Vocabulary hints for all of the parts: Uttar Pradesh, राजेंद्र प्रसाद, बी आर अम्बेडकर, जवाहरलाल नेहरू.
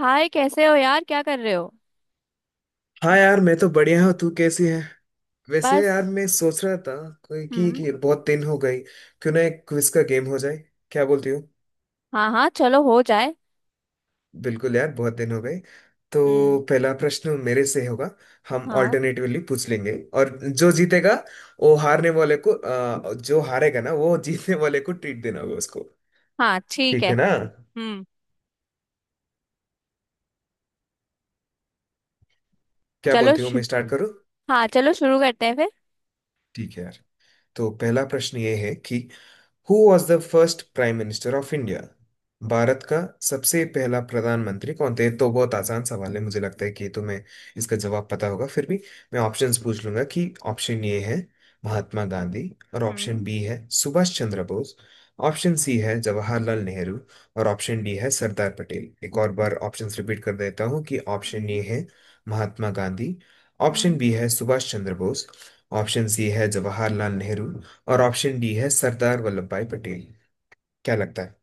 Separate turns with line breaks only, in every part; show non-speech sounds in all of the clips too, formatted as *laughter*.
हाय कैसे हो यार, क्या कर रहे हो।
हाँ यार, मैं तो बढ़िया हूँ। तू कैसी है? वैसे
बस।
यार, मैं सोच रहा था कोई कि,
हम्म।
कि बहुत दिन हो गई। क्यों ना एक क्विज का गेम हो जाए? क्या बोलती हो?
हाँ हाँ, चलो हो जाए।
बिल्कुल यार, बहुत दिन हो गए। तो
हम्म।
पहला प्रश्न मेरे से होगा। हम
हाँ
ऑल्टरनेटिवली पूछ लेंगे। और जो जीतेगा वो हारने वाले को जो हारेगा ना वो जीतने वाले को ट्रीट देना होगा उसको।
हाँ, ठीक
ठीक
है।
है ना?
हम्म।
क्या
चलो
बोलती हो,
शु...
मैं स्टार्ट करूँ?
हाँ चलो शुरू करते हैं फिर।
ठीक है यार। तो पहला प्रश्न ये है कि who was the first prime minister of India, Bharat का सबसे पहला प्रधानमंत्री कौन थे। तो बहुत आसान सवाल है, मुझे लगता है कि तुम्हें इसका जवाब पता होगा। फिर भी मैं ऑप्शंस पूछ लूंगा कि ऑप्शन ए है महात्मा गांधी और ऑप्शन
हम्म।
बी है सुभाष चंद्र बोस। ऑप्शन सी है जवाहरलाल नेहरू और ऑप्शन डी है सरदार पटेल। एक और बार ऑप्शंस रिपीट कर देता हूँ कि ऑप्शन
हम्म।
ए है Mahatma Gandhi, option
hmm.
B है सुभाष चंद्र बोस, ऑप्शन सी है जवाहरलाल नेहरू और ऑप्शन डी है सरदार वल्लभ भाई पटेल। क्या लगता है?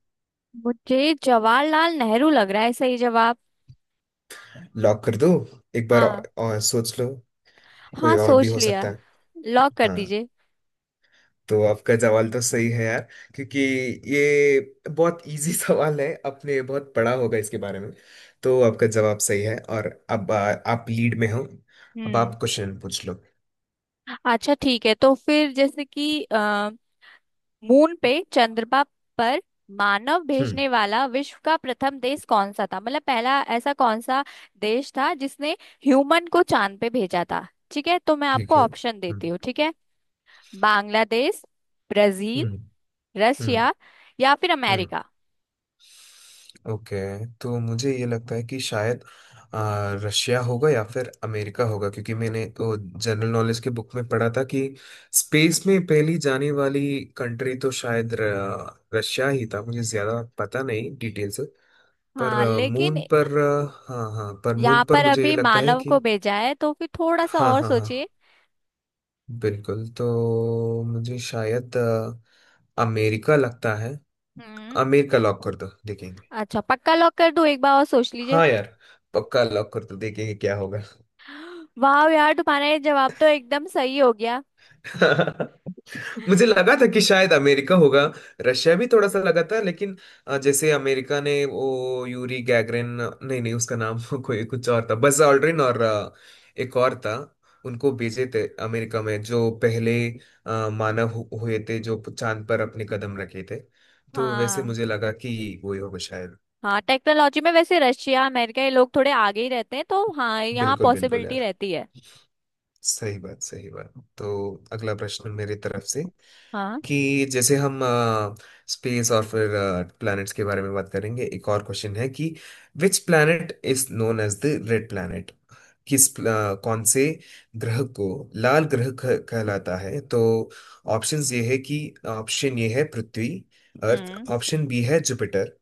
मुझे जवाहरलाल नेहरू लग रहा है सही जवाब।
लॉक कर दो। एक बार
हाँ।
और सोच लो। कोई
हाँ
और भी
सोच
हो
लिया।
सकता है।
लॉक कर
हाँ।
दीजिए।
तो आपका सवाल तो सही है यार, क्योंकि ये बहुत इजी *laughs* सवाल है। आपने बहुत पढ़ा होगा इसके बारे में, तो आपका जवाब सही है। और अब आप लीड में हो। अब
हम्म।
आप क्वेश्चन पूछ लो।
अच्छा ठीक है, तो फिर जैसे कि मून पे, चंद्रमा पर मानव
हम्म।
भेजने वाला विश्व का प्रथम देश कौन सा था। मतलब पहला ऐसा कौन सा देश था जिसने ह्यूमन को चांद पे भेजा था। ठीक है, तो मैं आपको
ठीक है।
ऑप्शन
हम्म।
देती हूँ। ठीक है। बांग्लादेश, ब्राजील,
हम्म। हम्म।
रसिया या फिर
हम्म।
अमेरिका।
ओके। तो मुझे ये लगता है कि शायद रशिया होगा या फिर अमेरिका होगा, क्योंकि मैंने वो जनरल नॉलेज के बुक में पढ़ा था कि स्पेस में पहली जाने वाली कंट्री तो शायद रशिया ही था। मुझे ज्यादा पता नहीं डिटेल से। पर
हाँ
मून
लेकिन
पर हाँ हाँ, पर
यहाँ
मून पर
पर
मुझे ये
अभी
लगता है
मानव को
कि।
भेजा है, तो फिर थोड़ा सा
हाँ
और
हाँ हाँ।
सोचिए।
बिल्कुल, तो मुझे शायद अमेरिका लगता है।
हम्म।
अमेरिका लॉक कर दो, देखेंगे।
अच्छा पक्का लॉक कर दूं, एक बार और सोच लीजिए।
हाँ यार, पक्का लॉक कर दो, देखेंगे क्या होगा।
*gasps* वाह यार, तुम्हारा ये जवाब तो एकदम सही हो गया।
*laughs* मुझे लगा था कि शायद अमेरिका होगा। रशिया भी थोड़ा सा लगा था, लेकिन जैसे अमेरिका ने वो यूरी गैगरिन। नहीं नहीं, उसका नाम *laughs* कोई कुछ और था। बस ऑल्ड्रिन और एक और था। उनको भेजे थे अमेरिका में, जो पहले मानव हुए थे जो चांद पर अपने कदम रखे थे। तो वैसे
हाँ।
मुझे लगा कि वो ही होगा शायद।
हाँ टेक्नोलॉजी में वैसे रशिया अमेरिका, ये लोग थोड़े आगे ही रहते हैं, तो हाँ यहाँ
बिल्कुल बिल्कुल
पॉसिबिलिटी
यार।
रहती है।
सही बात, सही बात। तो अगला प्रश्न मेरी तरफ से
हाँ।
कि जैसे हम स्पेस और फिर प्लैनेट्स के बारे में बात करेंगे। एक और क्वेश्चन है कि which planet is known as the red planet, किस प्ला- कौन से ग्रह को लाल ग्रह कहलाता है। तो ऑप्शंस ये है कि ऑप्शन ये है पृथ्वी, अर्थ,
हम्म।
ऑप्शन बी है जुपिटर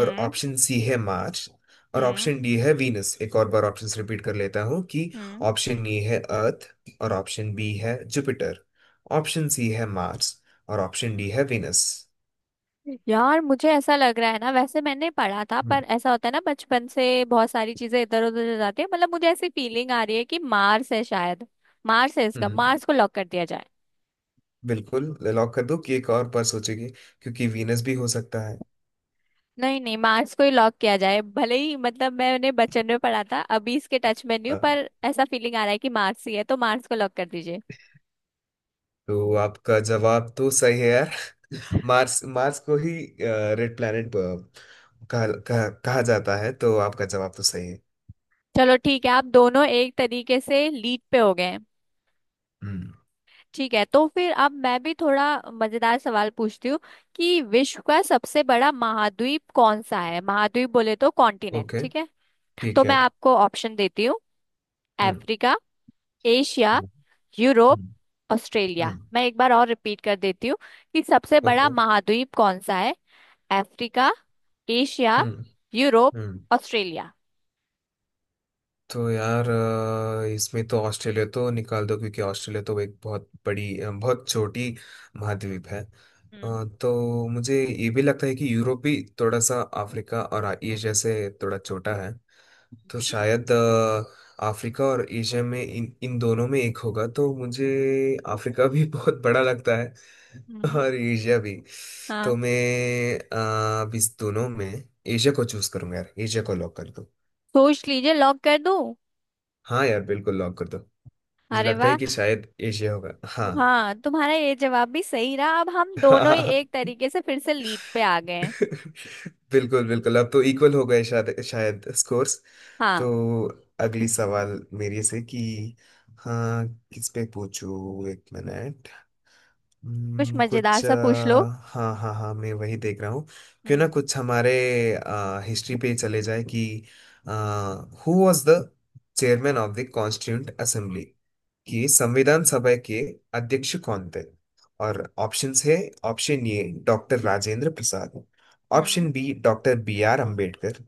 और ऑप्शन सी है मार्स और
हम्म।
ऑप्शन डी है वीनस। एक और बार ऑप्शंस रिपीट कर लेता हूँ कि
हम्म।
ऑप्शन ए है अर्थ और ऑप्शन बी है जुपिटर, ऑप्शन सी है मार्स और ऑप्शन डी है वीनस।
यार मुझे ऐसा लग रहा है ना, वैसे मैंने पढ़ा था,
हम्म।
पर ऐसा होता है ना बचपन से बहुत सारी चीजें इधर उधर हो जाती है। मतलब मुझे ऐसी फीलिंग आ रही है कि मार्स है शायद। मार्स है इसका,
हम्म।
मार्स को लॉक कर दिया जाए।
बिल्कुल लॉक कर दो, कि एक और पर सोचेगी? क्योंकि वीनस भी हो सकता है।
नहीं नहीं, मार्स को ही लॉक किया जाए। भले ही मतलब मैंने बचपन में पढ़ा था, अभी इसके टच में नहीं हूँ,
अ,
पर ऐसा फीलिंग आ रहा है कि मार्स ही है, तो मार्स को लॉक कर दीजिए।
तो आपका जवाब तो सही है यार। *laughs* मार्स, मार्स को ही रेड प्लैनेट कहा जाता है, तो आपका जवाब तो सही है।
चलो ठीक है, आप दोनों एक तरीके से लीड पे हो गए हैं।
हम्म।
ठीक है, तो फिर अब मैं भी थोड़ा मजेदार सवाल पूछती हूँ कि विश्व का सबसे बड़ा महाद्वीप कौन सा है। महाद्वीप बोले तो कॉन्टिनेंट,
ओके।
ठीक है। तो
ठीक
मैं
है।
आपको ऑप्शन देती हूँ।
हम्म।
अफ्रीका, एशिया, यूरोप,
हम्म।
ऑस्ट्रेलिया।
हम्म।
मैं एक बार और रिपीट कर देती हूँ कि सबसे
ओके।
बड़ा
हम्म। Okay।
महाद्वीप कौन सा है। अफ्रीका, एशिया,
हम्म।
यूरोप,
हम्म।
ऑस्ट्रेलिया।
तो यार इसमें तो ऑस्ट्रेलिया तो निकाल दो, क्योंकि ऑस्ट्रेलिया तो एक बहुत बड़ी बहुत छोटी महाद्वीप है।
हम्म।
तो मुझे ये भी लगता है कि यूरोप भी थोड़ा सा अफ्रीका और एशिया से थोड़ा छोटा है। तो शायद अफ्रीका और एशिया में इन इन दोनों में एक होगा। तो मुझे अफ्रीका भी *laughs* बहुत बड़ा लगता है
हम्म।
और एशिया भी।
हाँ।
तो मैं अब इस दोनों में एशिया को चूज करूंगा यार। एशिया को लॉक कर दो।
सोच लीजिए, लॉक कर दूं।
हाँ यार, बिल्कुल लॉक कर दो। मुझे
अरे
लगता
वाह!
है कि शायद एशिया होगा, हाँ।
हाँ तुम्हारा ये जवाब भी सही रहा, अब हम दोनों ही एक
*laughs*
तरीके से फिर से लीड पे आ गए हैं।
बिल्कुल बिल्कुल। अब तो इक्वल हो गए शायद शायद स्कोर्स।
हाँ।
तो अगली सवाल मेरे से कि। हाँ, किस पे पूछूं, एक मिनट।
कुछ मजेदार
कुछ
सा पूछ लो।
हाँ हाँ हाँ, मैं वही देख रहा हूँ। क्यों ना
हम्म।
कुछ हमारे हिस्ट्री पे चले जाए कि who was the chairman of the constituent assembly, कि संविधान सभा के अध्यक्ष कौन थे। और ऑप्शंस है option A doctor राजेंद्र प्रसाद,
hmm.
Option B doctor B R Ambedkar,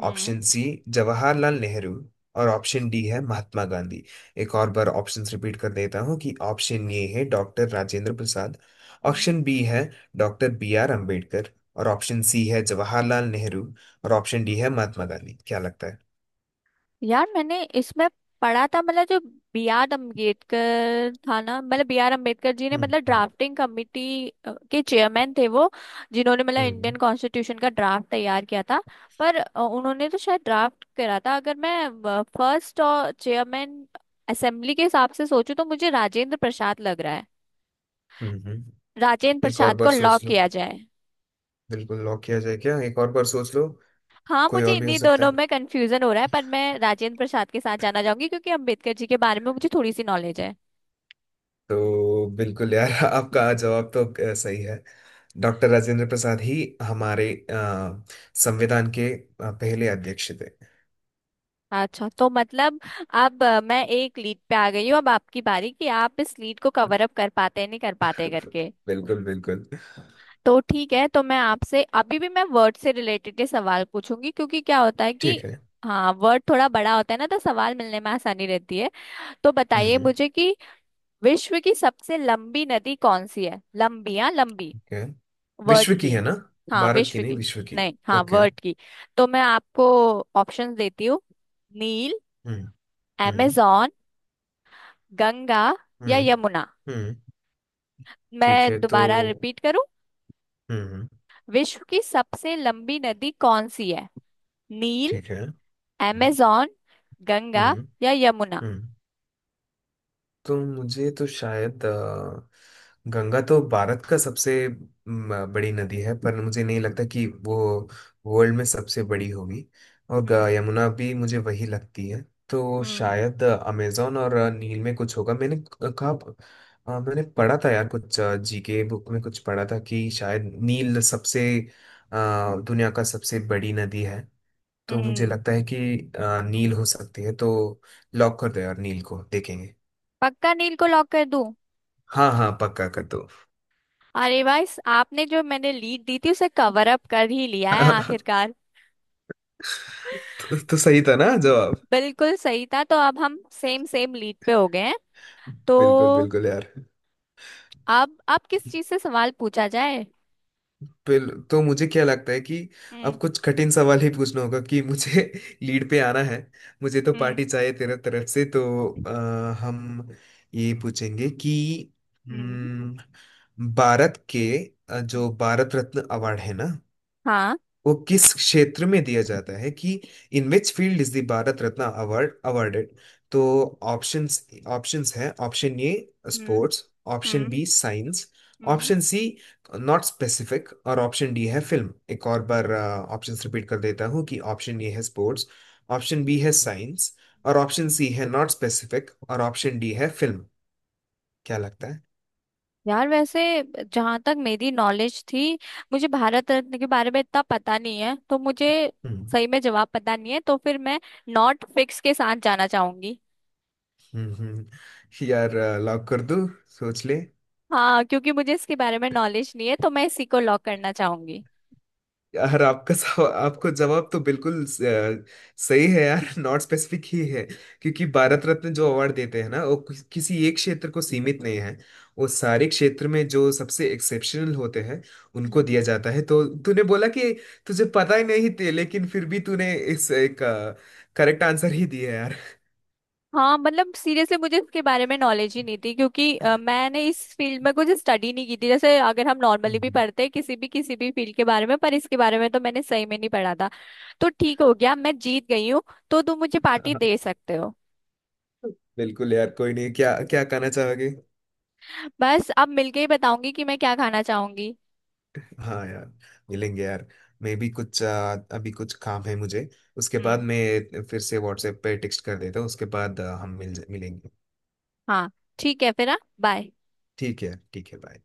hmm.
Option C जवाहरलाल नेहरू और ऑप्शन डी है महात्मा गांधी। एक और बार ऑप्शंस रिपीट कर देता हूँ कि ऑप्शन ए है doctor राजेंद्र प्रसाद,
hmm.
Option B है डॉक्टर बी आर अंबेडकर और ऑप्शन सी है जवाहरलाल नेहरू और ऑप्शन डी है महात्मा गांधी। क्या लगता है?
यार मैंने इसमें पढ़ा था मतलब, जो बी आर अम्बेडकर था ना, मतलब बी आर अम्बेडकर जी ने
हम्म।
मतलब
हम्म।
ड्राफ्टिंग कमेटी के चेयरमैन थे वो, जिन्होंने मतलब इंडियन
हम्म।
कॉन्स्टिट्यूशन का ड्राफ्ट तैयार किया था। पर उन्होंने तो शायद ड्राफ्ट करा था। अगर मैं फर्स्ट और चेयरमैन असेंबली के हिसाब से सोचूं तो मुझे राजेंद्र प्रसाद लग रहा है।
हम्म। हम्म।
राजेंद्र
एक और
प्रसाद
बार
को लॉक
सोच लो।
किया जाए।
बिल्कुल लॉक किया जाए क्या? एक और बार सोच लो।
हाँ
कोई
मुझे
और भी हो
इन्हीं
सकता
दोनों
है।
में कंफ्यूजन हो रहा है, पर मैं राजेंद्र प्रसाद के साथ जाना चाहूंगी क्योंकि अम्बेडकर जी के बारे में मुझे थोड़ी सी नॉलेज है।
तो बिल्कुल यार *laughs* आपका जवाब तो सही है। डॉक्टर राजेंद्र प्रसाद ही हमारे संविधान के पहले अध्यक्ष थे।
अच्छा तो मतलब अब मैं एक लीड पे आ गई हूँ। अब आपकी बारी कि आप इस लीड को कवर अप कर पाते हैं नहीं कर पाते
*laughs*
करके।
बिल्कुल बिल्कुल।
तो ठीक है, तो मैं आपसे अभी भी मैं वर्ड से रिलेटेड के सवाल पूछूंगी, क्योंकि क्या होता है कि
ठीक है।
हाँ वर्ड थोड़ा बड़ा होता है ना, तो सवाल मिलने में आसानी रहती है। तो
हम्म।
बताइए
हम्म।
मुझे कि विश्व की सबसे लंबी नदी कौन सी है। लंबी, हाँ लंबी।
ओके,
वर्ड
विश्व की
की।
है ना?
हाँ
भारत की
विश्व
नहीं,
की।
विश्व की।
नहीं, हाँ
ओके।
वर्ड की। तो मैं आपको ऑप्शंस देती हूँ। नील,
हम्म। हम्म।
amazon, गंगा या
हम्म।
यमुना।
हम्म। ठीक
मैं
है तो।
दोबारा रिपीट करूं।
हम्म।
विश्व की सबसे लंबी नदी कौन सी है। नील,
ठीक है। हम्म।
अमेजॉन, गंगा
हम्म।
या यमुना।
हम्म। तो मुझे तो शायद गंगा तो भारत का सबसे बड़ी नदी है। पर मुझे नहीं लगता कि वो वर्ल्ड में सबसे बड़ी होगी। और
हम्म।
यमुना भी मुझे वही लगती है। तो
हम्म।
शायद अमेजोन और नील में कुछ होगा, मैंने कहा। मैंने पढ़ा था यार, कुछ जी के बुक में कुछ पढ़ा था कि शायद नील सबसे अ, दुनिया का सबसे बड़ी नदी है। तो मुझे
हम्म।
लगता है कि नील हो सकती है। तो लॉक कर दो यार, नील को देखेंगे।
पक्का नील को लॉक कर दूं।
हाँ हाँ, पक्का कर दो। *laughs*
अरे भाई, आपने जो मैंने लीड दी थी उसे कवर अप कर ही लिया है
तो,
आखिरकार।
तो सही था ना जवाब?
बिल्कुल सही था, तो अब हम सेम सेम लीड पे हो गए हैं।
बिल्कुल
तो
बिल्कुल यार।
अब किस चीज से सवाल पूछा जाए।
तो मुझे क्या लगता है कि
हम्म।
अब कुछ कठिन सवाल ही पूछना होगा, कि मुझे *laughs* लीड पे आना है। मुझे तो
हम्म।
पार्टी चाहिए तेरे तरफ से, तो हम ये पूछेंगे कि।
हम्म।
हम्म, भारत के
हम्म।
जो भारत रत्न अवार्ड है ना
हाँ।
वो किस क्षेत्र में दिया जाता है, कि in which field is the Bharat Ratna award awarded. तो ऑप्शंस ऑप्शंस है option A
hmm.
Sports, option
hmm.
B science,
hmm.
Option C not specific और ऑप्शन डी है फिल्म। एक और बार ऑप्शंस रिपीट कर देता हूँ कि ऑप्शन ए है स्पोर्ट्स, ऑप्शन बी है साइंस और ऑप्शन सी है नॉट स्पेसिफिक और ऑप्शन डी है फिल्म। क्या लगता है?
यार वैसे जहां तक मेरी नॉलेज थी, मुझे भारत रत्न के बारे में इतना पता नहीं है, तो मुझे
हम्म।
सही में जवाब पता नहीं है, तो फिर मैं नॉट फिक्स के साथ जाना चाहूंगी।
हम्म। हम्म। यार लॉक कर दूं, सोच ले।
हाँ क्योंकि मुझे इसके बारे में नॉलेज नहीं है, तो मैं इसी को लॉक करना चाहूंगी।
यार आपका आपको जवाब तो बिल्कुल सही है यार। *laughs* नॉट स्पेसिफिक ही है, क्योंकि भारत रत्न जो अवार्ड देते हैं ना वो किसी एक क्षेत्र को सीमित नहीं है। वो सारे क्षेत्र में जो सबसे एक्सेप्शनल होते हैं उनको
हम्म।
दिया जाता है। तो तूने बोला कि तुझे पता ही नहीं थे, लेकिन फिर भी तूने इस एक करेक्ट आंसर ही दिया है यार।
हाँ मतलब सीरियसली मुझे इसके बारे में नॉलेज ही नहीं थी, क्योंकि मैंने इस फील्ड में कुछ स्टडी नहीं की थी। जैसे अगर हम नॉर्मली भी
हम्म।
पढ़ते हैं किसी भी फील्ड के बारे में, पर इसके बारे में तो मैंने सही में नहीं पढ़ा था। तो ठीक हो गया, मैं जीत गई हूँ। तो तुम मुझे पार्टी दे
*laughs*
सकते हो।
बिल्कुल यार, कोई नहीं। क्या क्या कहना चाहोगे?
बस अब मिलके ही बताऊंगी कि मैं क्या खाना चाहूंगी।
हाँ यार, मिलेंगे यार। मैं भी कुछ अभी कुछ काम है मुझे। उसके बाद
हम्म।
मैं फिर से व्हाट्सएप पे टेक्स्ट कर देता हूँ। उसके बाद हम मिलेंगे।
हाँ। ठीक है फिर, हाँ बाय।
ठीक है ठीक है, बाय।